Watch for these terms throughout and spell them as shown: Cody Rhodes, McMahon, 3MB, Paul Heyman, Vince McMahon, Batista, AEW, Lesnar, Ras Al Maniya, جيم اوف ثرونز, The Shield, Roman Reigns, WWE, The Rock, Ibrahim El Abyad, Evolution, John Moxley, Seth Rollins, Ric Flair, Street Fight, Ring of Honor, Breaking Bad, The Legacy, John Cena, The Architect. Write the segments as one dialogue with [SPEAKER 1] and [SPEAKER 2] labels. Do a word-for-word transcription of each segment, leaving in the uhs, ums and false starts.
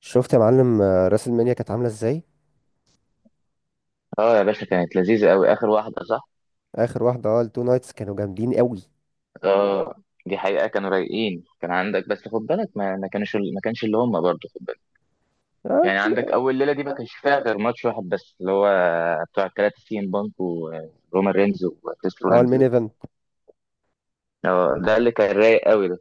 [SPEAKER 1] شفت يا معلم، آه، راس المنيا كانت عامله ازاي؟
[SPEAKER 2] اه يا باشا، كانت لذيذة قوي، آخر واحدة صح؟
[SPEAKER 1] اخر واحده اه التو نايتس كانوا جامدين قوي.
[SPEAKER 2] اه دي حقيقة، كانوا رايقين. كان عندك بس خد بالك ما, ما كانش ما كانش اللي هم برضه، خد بالك.
[SPEAKER 1] اه،
[SPEAKER 2] يعني عندك أول ليلة دي ما كانش فيها غير ماتش واحد بس، اللي هو بتوع التلاتة، سي ام بانك ورومان رينز وكريس
[SPEAKER 1] اه،
[SPEAKER 2] رولانز
[SPEAKER 1] المين
[SPEAKER 2] ده.
[SPEAKER 1] ايفنت.
[SPEAKER 2] آه، ده اللي كان رايق قوي ده.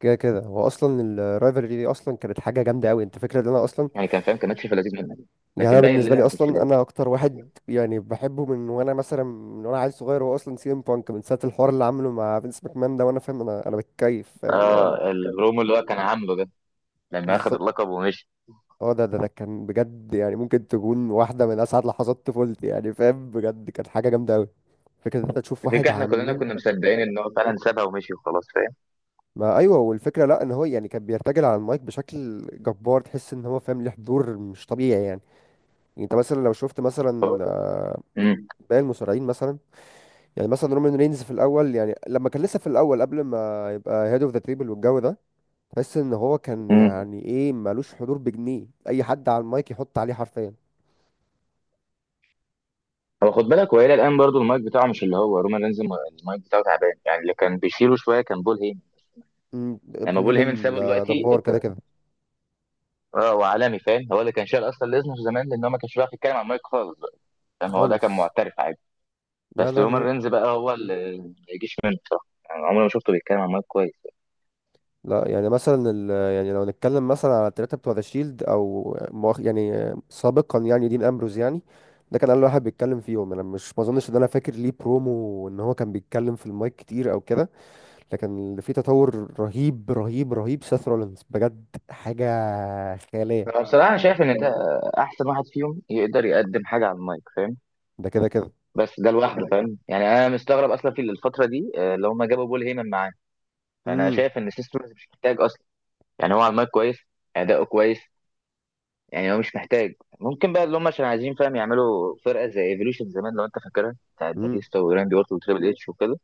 [SPEAKER 1] كده كده هو اصلا الرايفلري دي اصلا كانت حاجه جامده قوي. انت فاكر ان انا اصلا؟
[SPEAKER 2] يعني كان فاهم، كان ماتش في لذيذ منك.
[SPEAKER 1] يعني انا
[SPEAKER 2] لكن باقي
[SPEAKER 1] بالنسبه
[SPEAKER 2] الليلة
[SPEAKER 1] لي
[SPEAKER 2] ما كانش
[SPEAKER 1] اصلا
[SPEAKER 2] لايق.
[SPEAKER 1] انا اكتر واحد يعني بحبه، من وانا مثلا، من وانا عيل صغير، هو اصلا سي ام بانك من ساعه الحوار اللي عامله مع فينس ماكمان ده، وانا فاهم انا انا بتكيف، فاهم اللي هو انا.
[SPEAKER 2] اه، البرومو اللي هو كان عامله ده، لما أخد
[SPEAKER 1] بالظبط.
[SPEAKER 2] اللقب ومشي.
[SPEAKER 1] اه، ده ده ده كان بجد، يعني ممكن تكون واحده من اسعد لحظات طفولتي، يعني فاهم، بجد كانت حاجه جامده قوي. فكرة إن انت تشوف واحد
[SPEAKER 2] الفكرة احنا كلنا
[SPEAKER 1] عمال.
[SPEAKER 2] كنا مصدقين ان هو فعلا سابها ومشي وخلاص، فاهم؟
[SPEAKER 1] ما ايوه، والفكره لا، ان هو يعني كان بيرتجل على المايك بشكل جبار، تحس ان هو فاهم، ليه حضور مش طبيعي يعني. يعني انت مثلا لو شفت مثلا، آه، باقي المصارعين مثلا. يعني مثلا رومان رينز في الاول، يعني لما كان لسه في الاول قبل ما يبقى هيد اوف ذا تريبل والجو ده، تحس ان هو كان
[SPEAKER 2] مم.
[SPEAKER 1] يعني ايه، مالوش حضور، بجنيه اي حد على المايك يحط عليه حرفيا.
[SPEAKER 2] هو خد بالك، وإلى الآن برضو المايك بتاعه مش اللي هو رومان رينز الم- المايك بتاعه تعبان. يعني اللي كان بيشيله شوية كان بول هيمن.
[SPEAKER 1] مم،
[SPEAKER 2] يعني لما
[SPEAKER 1] بول
[SPEAKER 2] بول هيمن
[SPEAKER 1] هيمن
[SPEAKER 2] سابه
[SPEAKER 1] ده
[SPEAKER 2] دلوقتي
[SPEAKER 1] جبار كده
[SPEAKER 2] ات-
[SPEAKER 1] كده.
[SPEAKER 2] اه، وعالمي فاهم. هو اللي كان شايل أصلا ليزنر زمان، لأن هو ما كانش بيعرف يتكلم على المايك خالص بقى. فاهم؟ هو ده كان
[SPEAKER 1] خالص.
[SPEAKER 2] معترف عادي.
[SPEAKER 1] لا،
[SPEAKER 2] بس
[SPEAKER 1] لا،
[SPEAKER 2] رومان
[SPEAKER 1] لا،
[SPEAKER 2] رينز بقى هو اللي ما يجيش منه بصراحة. يعني عمري ما شفته بيتكلم على المايك كويس.
[SPEAKER 1] لا. يعني مثلا ال... يعني لو نتكلم مثلا على التلاتة بتوع ذا شيلد، او مؤخ... يعني سابقا، يعني دين امبروز يعني. ده كان اول واحد بيتكلم فيهم. انا مش، ما اظنش ان انا فاكر ليه برومو ان هو كان بيتكلم في المايك كتير او كده. لكن اللي فيه تطور رهيب رهيب رهيب سيث رولينز، بجد حاجة خيالية.
[SPEAKER 2] أنا بصراحة، أنا شايف إن ده أحسن واحد فيهم يقدر يقدم حاجة على المايك، فاهم.
[SPEAKER 1] ده كده كده.
[SPEAKER 2] بس ده لوحده، فاهم. يعني أنا مستغرب أصلا في الفترة دي آه، اللي هم جابوا بول هيمن معاه. فأنا
[SPEAKER 1] امم،
[SPEAKER 2] شايف إن سيستم مش محتاج أصلا. يعني هو على المايك كويس، اداؤه كويس، يعني هو مش محتاج. ممكن بقى اللي هم عشان عايزين، فاهم، يعملوا فرقه زي ايفولوشن زمان، لو انت فاكرها، بتاعت
[SPEAKER 1] امم.
[SPEAKER 2] باتيستا وراندي اورتون وتريبل اتش وكده.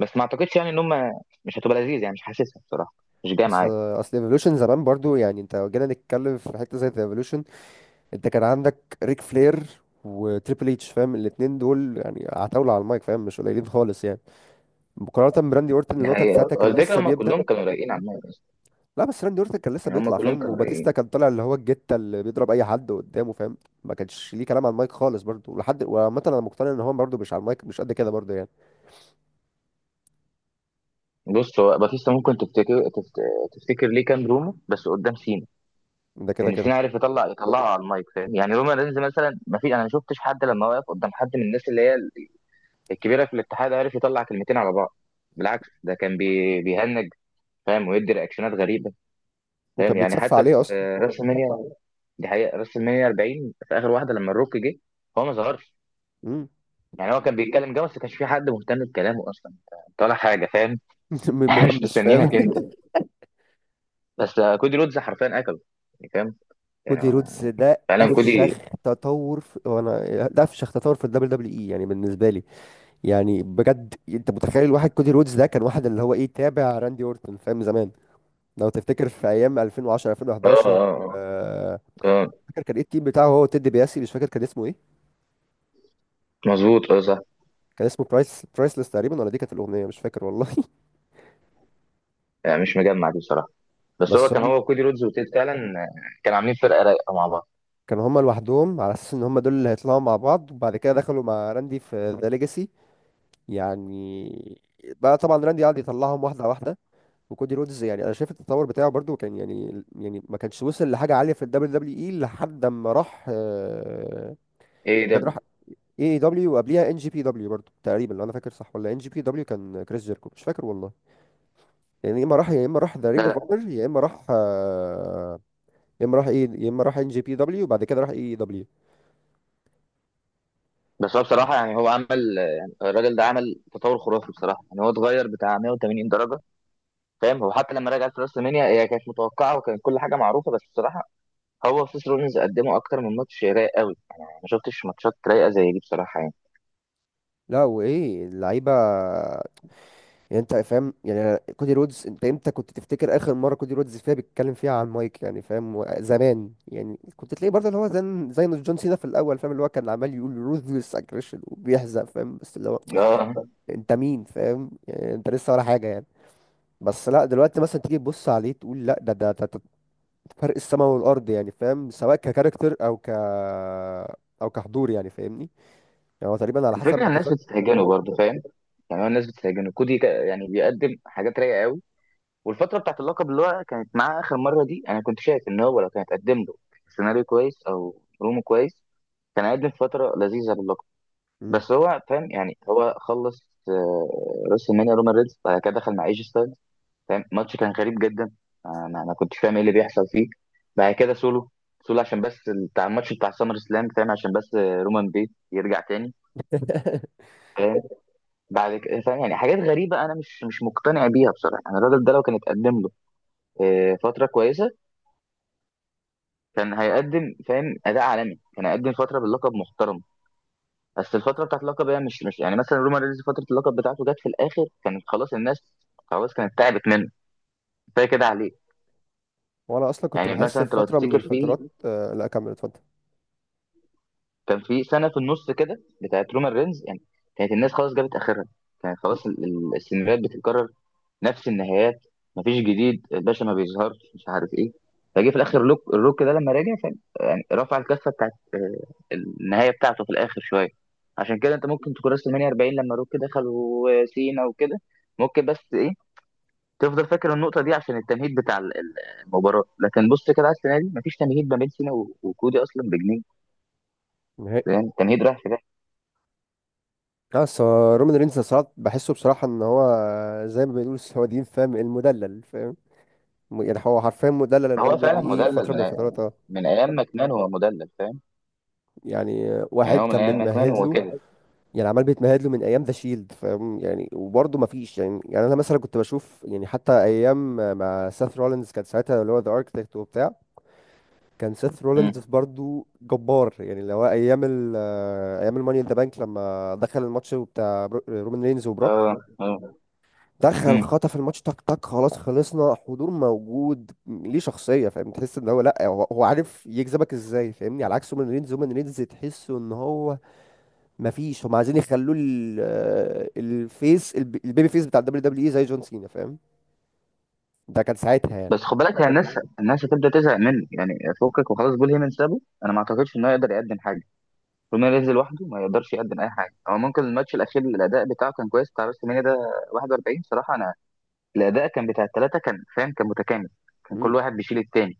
[SPEAKER 2] بس ما اعتقدش يعني ان هم، مش هتبقى لذيذ يعني، مش حاسسها بصراحه، مش جايه
[SPEAKER 1] اصل
[SPEAKER 2] معايا.
[SPEAKER 1] اصل ايفولوشن زمان برضو، يعني انت لو جينا نتكلم في حتة زي ايفولوشن، انت كان عندك ريك فلير وتريبل اتش فاهم، الاتنين دول يعني عتاولة على المايك فاهم، مش قليلين خالص يعني، مقارنة براندي اورتن
[SPEAKER 2] ده
[SPEAKER 1] اللي هو كان
[SPEAKER 2] هي
[SPEAKER 1] ساعتها
[SPEAKER 2] هو
[SPEAKER 1] كان
[SPEAKER 2] الفكره،
[SPEAKER 1] لسه
[SPEAKER 2] هم
[SPEAKER 1] بيبدأ.
[SPEAKER 2] كلهم كانوا رايقين على المايك اصلا.
[SPEAKER 1] لا، بس راندي اورتن كان لسه
[SPEAKER 2] يعني هم
[SPEAKER 1] بيطلع
[SPEAKER 2] كلهم
[SPEAKER 1] فاهم،
[SPEAKER 2] كانوا
[SPEAKER 1] وباتيستا
[SPEAKER 2] رايقين.
[SPEAKER 1] كان طالع اللي هو الجتة اللي بيضرب اي حد قدامه فاهم. ما كانش ليه كلام على المايك خالص برضه ولحد، وعامة انا مقتنع ان هو برضه مش على المايك مش قد كده برضه يعني.
[SPEAKER 2] بص، هو باتيستا ممكن تفتكر تفت... تفتكر ليه كان روما بس قدام سينا.
[SPEAKER 1] ده كده
[SPEAKER 2] لان
[SPEAKER 1] كده.
[SPEAKER 2] سينا عارف يطلع يطلعه على المايك، فاهم. يعني روما رينز مثلا، ما في، انا ما شفتش حد لما وقف قدام حد من الناس اللي هي الكبيره في الاتحاد، عرف يطلع كلمتين على بعض. بالعكس، ده كان بي... بيهنج، فاهم، ويدي رياكشنات غريبه. فاهم؟
[SPEAKER 1] وكان
[SPEAKER 2] يعني
[SPEAKER 1] بيتصفى
[SPEAKER 2] حتى في
[SPEAKER 1] عليه اصلا.
[SPEAKER 2] آه، راس المنيا، دي حقيقه راس المنيا أربعين، في اخر واحده لما الروك جه هو ما ظهرش.
[SPEAKER 1] مم.
[SPEAKER 2] يعني هو كان بيتكلم جه، بس ما كانش في حد مهتم بكلامه اصلا. طالع حاجه، فاهم. احنا مش
[SPEAKER 1] مهمش فاهم.
[SPEAKER 2] مستنيينك انت. بس آه، كودي رودز حرفيا اكله. يعني فاهم، يعني
[SPEAKER 1] كودي
[SPEAKER 2] هو
[SPEAKER 1] رودز ده
[SPEAKER 2] فعلا كودي.
[SPEAKER 1] افشخ تطور في... وانا ده افشخ تطور في الدبليو دبليو اي يعني بالنسبة لي. يعني بجد، انت متخيل واحد كودي رودز ده كان واحد اللي هو ايه، تابع راندي اورتون فاهم زمان؟ لو تفتكر في ايام ألفين وعشرة
[SPEAKER 2] اه، اه،
[SPEAKER 1] ألفين وحداشر.
[SPEAKER 2] اه.
[SPEAKER 1] آه،
[SPEAKER 2] آه، آه،
[SPEAKER 1] فاكر كان ايه التيم بتاعه، هو تيد بياسي، مش فاكر كان اسمه ايه.
[SPEAKER 2] مظبوط اه صح.
[SPEAKER 1] كان اسمه برايس برايسلس تقريبا، ولا دي كانت الاغنيه، مش فاكر والله.
[SPEAKER 2] يعني مش مجمع دي بصراحه. بس هو
[SPEAKER 1] بس
[SPEAKER 2] كان،
[SPEAKER 1] هم.
[SPEAKER 2] هو كودي رودز وتيد فعلا، آه، كانوا عاملين فرقه رايقه مع بعض.
[SPEAKER 1] كانوا هم لوحدهم على اساس ان هم دول اللي هيطلعوا مع بعض، وبعد كده دخلوا مع راندي في ذا ليجاسي يعني. بقى طبعا راندي قعد يطلعهم واحده واحده. وكودي رودز، يعني انا شايف التطور بتاعه برضو كان يعني، يعني ما كانش وصل لحاجه عاليه في الدبليو دبليو اي لحد ما راح، آه،
[SPEAKER 2] ايه
[SPEAKER 1] كان
[SPEAKER 2] ده؟
[SPEAKER 1] راح اي دبليو، وقبليها ان جي بي دبليو برضو تقريبا لو انا فاكر صح، ولا ان جي بي دبليو كان كريس جيركو، مش فاكر والله. يعني يا اما راح، يا اما راح ذا رينج
[SPEAKER 2] لا
[SPEAKER 1] اوف
[SPEAKER 2] لا.
[SPEAKER 1] اونر، يا اما راح آه، يا اما راح ايه، يا اما راح ان جي بي دبليو، وبعد كده راح اي دبليو.
[SPEAKER 2] بس هو بصراحة، يعني هو عمل، يعني الراجل ده عمل تطور خرافي بصراحة. يعني هو اتغير بتاع مية وتمانين درجة. فاهم؟ هو حتى لما رجع في راس المنيا، هي كانت متوقعة وكانت كل حاجة معروفة، بس بصراحة هو وسيس رولينز قدموا أكتر من ماتش رايق قوي. يعني أنا ما شفتش ماتشات رايقة زي دي بصراحة يعني.
[SPEAKER 1] لا، وايه اللعيبه. يعني انت فاهم، يعني أنا- كودي رودز، انت امتى كنت تفتكر اخر مره كودي رودز فيها بيتكلم فيها عن مايك؟ يعني فاهم، و- زمان يعني كنت تلاقي برضه اللي هو زي زي جون سينا في الاول فاهم، اللي هو كان عمال يقول روثلس اجريشن وبيحزق فاهم، بس اللي هو
[SPEAKER 2] اه.
[SPEAKER 1] انت مين فاهم، يعني انت لسه ولا حاجه يعني. بس لا، دلوقتي مثلا تيجي تبص عليه تقول لا، ده ده, ده, ده فرق السماء والارض يعني فاهم، سواء ككاركتر او ك، او كحضور يعني فاهمني. يعني هو تقريبا على حسب
[SPEAKER 2] الفكرة
[SPEAKER 1] ما
[SPEAKER 2] إن الناس
[SPEAKER 1] اتذكر.
[SPEAKER 2] بتستهجنه برضه، فاهم. يعني هو الناس بتستهجنه، كودي كا- يعني بيقدم حاجات رايقة قوي. والفترة بتاعت اللقب اللي هو كانت معاه آخر مرة دي، أنا كنت شايف إن هو لو كانت قدم له سيناريو كويس أو برومو كويس، كان هيقدم فترة لذيذة باللقب.
[SPEAKER 1] مم.
[SPEAKER 2] بس هو فاهم، يعني هو خلص آه، راس المانيا، رومان ريدز بعد كده دخل مع ايجي ستايلز، فاهم. ماتش كان غريب جدا، انا انا كنتش فاهم ايه اللي بيحصل فيه. بعد كده سولو سولو عشان بس بتاع الماتش بتاع سامر سلام، فاهم، عشان بس آه، رومان بيت يرجع تاني. فاهم؟ بعد كده فاهم يعني حاجات غريبه، انا مش مش مقتنع بيها بصراحه. انا الراجل ده لو كان اتقدم له آه، فتره كويسه، كان هيقدم فاهم اداء عالمي، كان هيقدم فتره باللقب محترم. بس الفتره بتاعت اللقب هي مش مش يعني، مثلا رومان رينز فتره اللقب بتاعته جت في الاخر، كانت خلاص الناس، خلاص كانت تعبت منه، كفايه كده عليه.
[SPEAKER 1] وانا اصلا كنت
[SPEAKER 2] يعني
[SPEAKER 1] بحس
[SPEAKER 2] مثلا
[SPEAKER 1] في
[SPEAKER 2] انت لو
[SPEAKER 1] فتره من
[SPEAKER 2] تفتكر في،
[SPEAKER 1] الفترات، آه، لا كمل اتفضل.
[SPEAKER 2] كان في سنه في النص كده بتاعت رومان رينز يعني، كانت الناس خلاص جابت اخرها. كانت خلاص ال- ال- السيناريوهات بتتكرر، نفس النهايات، مفيش جديد، الباشا ما بيظهرش، مش عارف ايه. فجه في الاخر لوك الروك ده لما راجع، كان يعني رفع الكفه بتاعت آه، النهايه بتاعته في الاخر شويه. عشان كده انت ممكن تكون راس المانيا أربعين لما روك دخل وسينا وكده، ممكن، بس ايه، تفضل فاكر النقطه دي عشان التمهيد بتاع ال- ال- المباراه. لكن بص كده على السنه دي، مفيش تمهيد ما بين سينا و- وكودي اصلا بجنيه.
[SPEAKER 1] نهائي.
[SPEAKER 2] يعني التمهيد رايح في ده.
[SPEAKER 1] بس هو رومان رينز ساعات بحسه بصراحة، ان هو زي ما بيقولوا السعوديين فاهم، المدلل فاهم، م- يعني هو حرفيا مدلل ال
[SPEAKER 2] هو
[SPEAKER 1] دبليو
[SPEAKER 2] فعلا
[SPEAKER 1] دبليو اي
[SPEAKER 2] مدلل
[SPEAKER 1] فترة من
[SPEAKER 2] من أي-
[SPEAKER 1] الفترات، اه.
[SPEAKER 2] من ايام ماكمان، هو مدلل فاهم.
[SPEAKER 1] يعني
[SPEAKER 2] يعني
[SPEAKER 1] واحد
[SPEAKER 2] هو من
[SPEAKER 1] كان
[SPEAKER 2] ايام ماكمان
[SPEAKER 1] بيتمهد
[SPEAKER 2] هو
[SPEAKER 1] له،
[SPEAKER 2] كده.
[SPEAKER 1] يعني عمال بيتمهد له من ايام ذا شيلد فاهم، يعني وبرضه ما فيش، يعني يعني انا مثلا كنت بشوف، يعني حتى ايام مع سيث رولينز كان ساعتها اللي هو ذا اركتكت وبتاع. كان سيث رولينز
[SPEAKER 2] مم.
[SPEAKER 1] برضه جبار، يعني اللي هو ايام ال آه، ايام الماني ان ذا بانك، لما دخل الماتش بتاع برو- رومان رينز وبروك،
[SPEAKER 2] اه اه.
[SPEAKER 1] دخل خطف الماتش، تك تك خلاص خلصنا، حضور موجود، ليه شخصية فاهم، تحس ان هو لا، هو, هو عارف يجذبك ازاي فاهمني، على عكس هومان ريدز. هومان ريدز تحسه ان هو مفيش، هم عايزين يخلوه ال- آه، الفيس الب- البيبي فيس بتاع الدبليو دبليو اي، زي جون سينا فاهم. ده كان ساعتها يعني.
[SPEAKER 2] بس خد بالك، هي الناس الناس هتبدا تزهق منه. يعني فكك وخلاص، بول هيمن سابه، انا ما اعتقدش انه يقدر يقدم حاجه. طول ما ينزل لوحده، ما يقدرش يقدم اي حاجه. هو ممكن الماتش الاخير الاداء بتاعه كان كويس، بتاع بس المانيا ده واحد وأربعين، صراحه. انا الاداء كان بتاع الثلاثه، كان فاهم، كان متكامل، كان كل
[SPEAKER 1] امم،
[SPEAKER 2] واحد بيشيل التاني.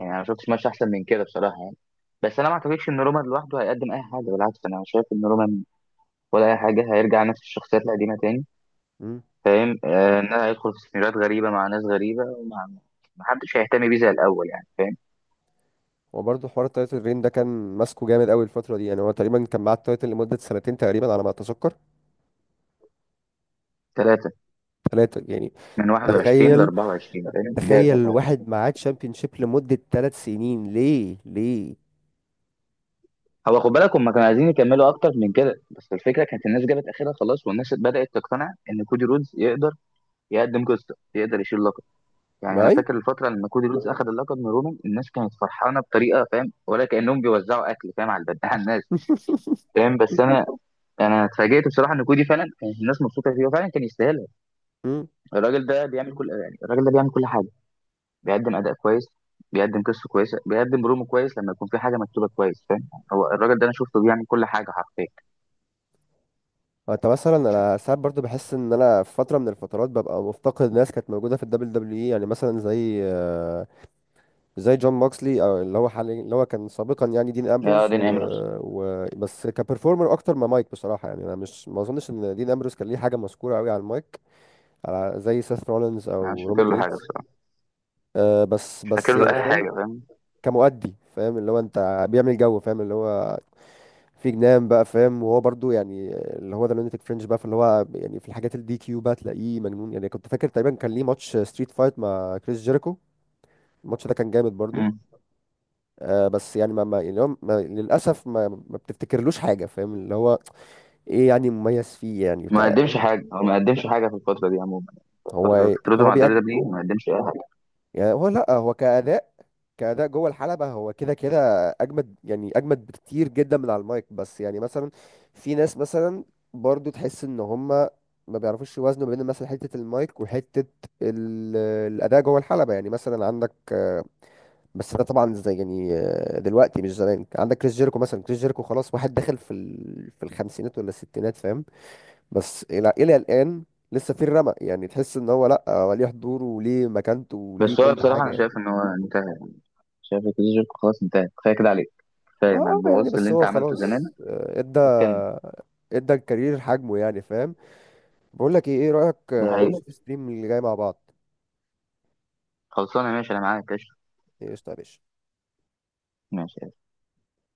[SPEAKER 2] يعني انا ما شفتش ماتش احسن من كده بصراحه يعني. بس انا ما اعتقدش ان رومان لوحده هيقدم اي حاجه، بالعكس انا شايف ان رومان، ولا اي حاجه، هيرجع نفس الشخصيات القديمه تاني.
[SPEAKER 1] امم.
[SPEAKER 2] فاهم آه ان هيدخل في سيناريوهات غريبه، مع ناس غريبه، ومع محدش هيهتم بيه زي الاول يعني.
[SPEAKER 1] وبرضه حوار التايتل رين ده كان ماسكه جامد قوي الفترة دي، يعني هو تقريبا كان معاه التايتل لمدة سنتين تقريبا على ما اتذكر.
[SPEAKER 2] ثلاثة،
[SPEAKER 1] ثلاثة يعني.
[SPEAKER 2] من واحد وعشرين ل
[SPEAKER 1] تخيل،
[SPEAKER 2] أربعة وعشرين، فاهم ده
[SPEAKER 1] تخيل
[SPEAKER 2] بقى.
[SPEAKER 1] واحد معاه تشامبيون شيب لمدة ثلاث سنين، ليه؟ ليه؟
[SPEAKER 2] هو خد بالك، هم كانوا عايزين يكملوا اكتر من كده، بس الفكره كانت الناس جابت اخرها خلاص، والناس بدات تقتنع ان كودي رودز يقدر يقدم قصه، يقدر يشيل لقب. يعني انا
[SPEAKER 1] معايا.
[SPEAKER 2] فاكر الفتره لما كودي رودز اخذ اللقب من رومان، الناس كانت فرحانه بطريقه، فاهم، ولا كانهم بيوزعوا اكل، فاهم، على البد- على الناس. فاهم؟ بس انا، انا اتفاجئت بصراحه ان كودي فعلا كانت الناس مبسوطه فيه، وفعلا كان يستاهلها.
[SPEAKER 1] مم.
[SPEAKER 2] الراجل ده بيعمل كل، يعني الراجل ده بيعمل كل حاجه، بيقدم اداء كويس، بيقدم قصه كويسه، بيقدم برومو كويس لما يكون في حاجه مكتوبه كويس، فاهم. هو الراجل ده انا شفته بيعمل كل حاجه حرفيا.
[SPEAKER 1] انت مثلا انا ساعات برضو بحس ان انا في فتره من الفترات ببقى مفتقد ناس كانت موجوده في الدبليو دبليو اي، يعني مثلا زي آه، زي جون موكسلي، او اللي هو حاليا اللي هو كان سابقا يعني دين
[SPEAKER 2] يا
[SPEAKER 1] امبروز، و...
[SPEAKER 2] دين امرس،
[SPEAKER 1] و... بس كبرفورمر اكتر ما مايك بصراحه، يعني انا مش، ما اظنش ان دين امبروز كان ليه حاجه مذكوره قوي على المايك، على زي سيث رولينز
[SPEAKER 2] انا مش
[SPEAKER 1] او
[SPEAKER 2] فاكر
[SPEAKER 1] رومان
[SPEAKER 2] له حاجه
[SPEAKER 1] رينز.
[SPEAKER 2] بصراحه،
[SPEAKER 1] أه بس
[SPEAKER 2] مش
[SPEAKER 1] بس
[SPEAKER 2] فاكر له
[SPEAKER 1] يعني
[SPEAKER 2] اي
[SPEAKER 1] فاهم.
[SPEAKER 2] حاجه فاهم.
[SPEAKER 1] كمؤدي فاهم، اللي هو انت بيعمل جو فاهم، اللي هو في جنان بقى فاهم، وهو برضو يعني اللي هو ده لونيتك فرنش بقى، فاللي هو يعني في الحاجات الدي كيو بقى تلاقيه مجنون، يعني كنت فاكر تقريبا كان ليه ماتش ستريت فايت مع كريس جيريكو. الماتش ده كان جامد برضو.
[SPEAKER 2] مم.
[SPEAKER 1] آه بس يعني ما, ما يعني هو ما للاسف ما, ما بتفتكرلوش حاجه فاهم، اللي هو ايه يعني مميز فيه، يعني
[SPEAKER 2] ما
[SPEAKER 1] ك.
[SPEAKER 2] قدمش حاجه، هو ما قدمش حاجه في الفتره دي عموما،
[SPEAKER 1] هو
[SPEAKER 2] الفترة
[SPEAKER 1] إيه، اللي
[SPEAKER 2] فترته
[SPEAKER 1] هو
[SPEAKER 2] مع الدوري ده.
[SPEAKER 1] بيقد.
[SPEAKER 2] ما قدمش اي حاجه.
[SPEAKER 1] يعني هو لا، هو كأداء، كأداء جوه الحلبة هو كده كده أجمد، يعني أجمد بكتير جدا من على المايك، بس يعني مثلا في ناس مثلا برضو تحس إن هما ما بيعرفوش يوازنوا بين مثلا حتة المايك وحتة ال- الأداء جوه الحلبة، يعني مثلا عندك، آه، بس ده طبعا زي يعني، آه، دلوقتي مش زمان، عندك كريس جيريكو مثلا، كريس جيريكو خلاص واحد داخل في ال... في الخمسينات ولا الستينات فاهم. بس إلى إلى الآن لسه في الرمق، يعني تحس إن هو لأ، هو ليه حضوره وليه مكانته وليه
[SPEAKER 2] بس هو
[SPEAKER 1] كل
[SPEAKER 2] بصراحه انا
[SPEAKER 1] حاجة.
[SPEAKER 2] شايف ان هو انتهى، شايف الكارير خلاص انتهى، كفايه كده عليك،
[SPEAKER 1] ما
[SPEAKER 2] كفايه ما
[SPEAKER 1] آه يعني
[SPEAKER 2] تبوظش اللي
[SPEAKER 1] بس
[SPEAKER 2] انت
[SPEAKER 1] هو
[SPEAKER 2] عملته زمان
[SPEAKER 1] خلاص، آه، ادى،
[SPEAKER 2] وتكمل.
[SPEAKER 1] ادى الكارير حجمه يعني فاهم. بقول لك ايه، ايه رأيك،
[SPEAKER 2] ده
[SPEAKER 1] آه،
[SPEAKER 2] حقيقي.
[SPEAKER 1] نشوف ستريم اللي جاي مع بعض؟
[SPEAKER 2] خلصانه، ماشي، انا معاك قشطه.
[SPEAKER 1] ايش طيب.
[SPEAKER 2] ماشي.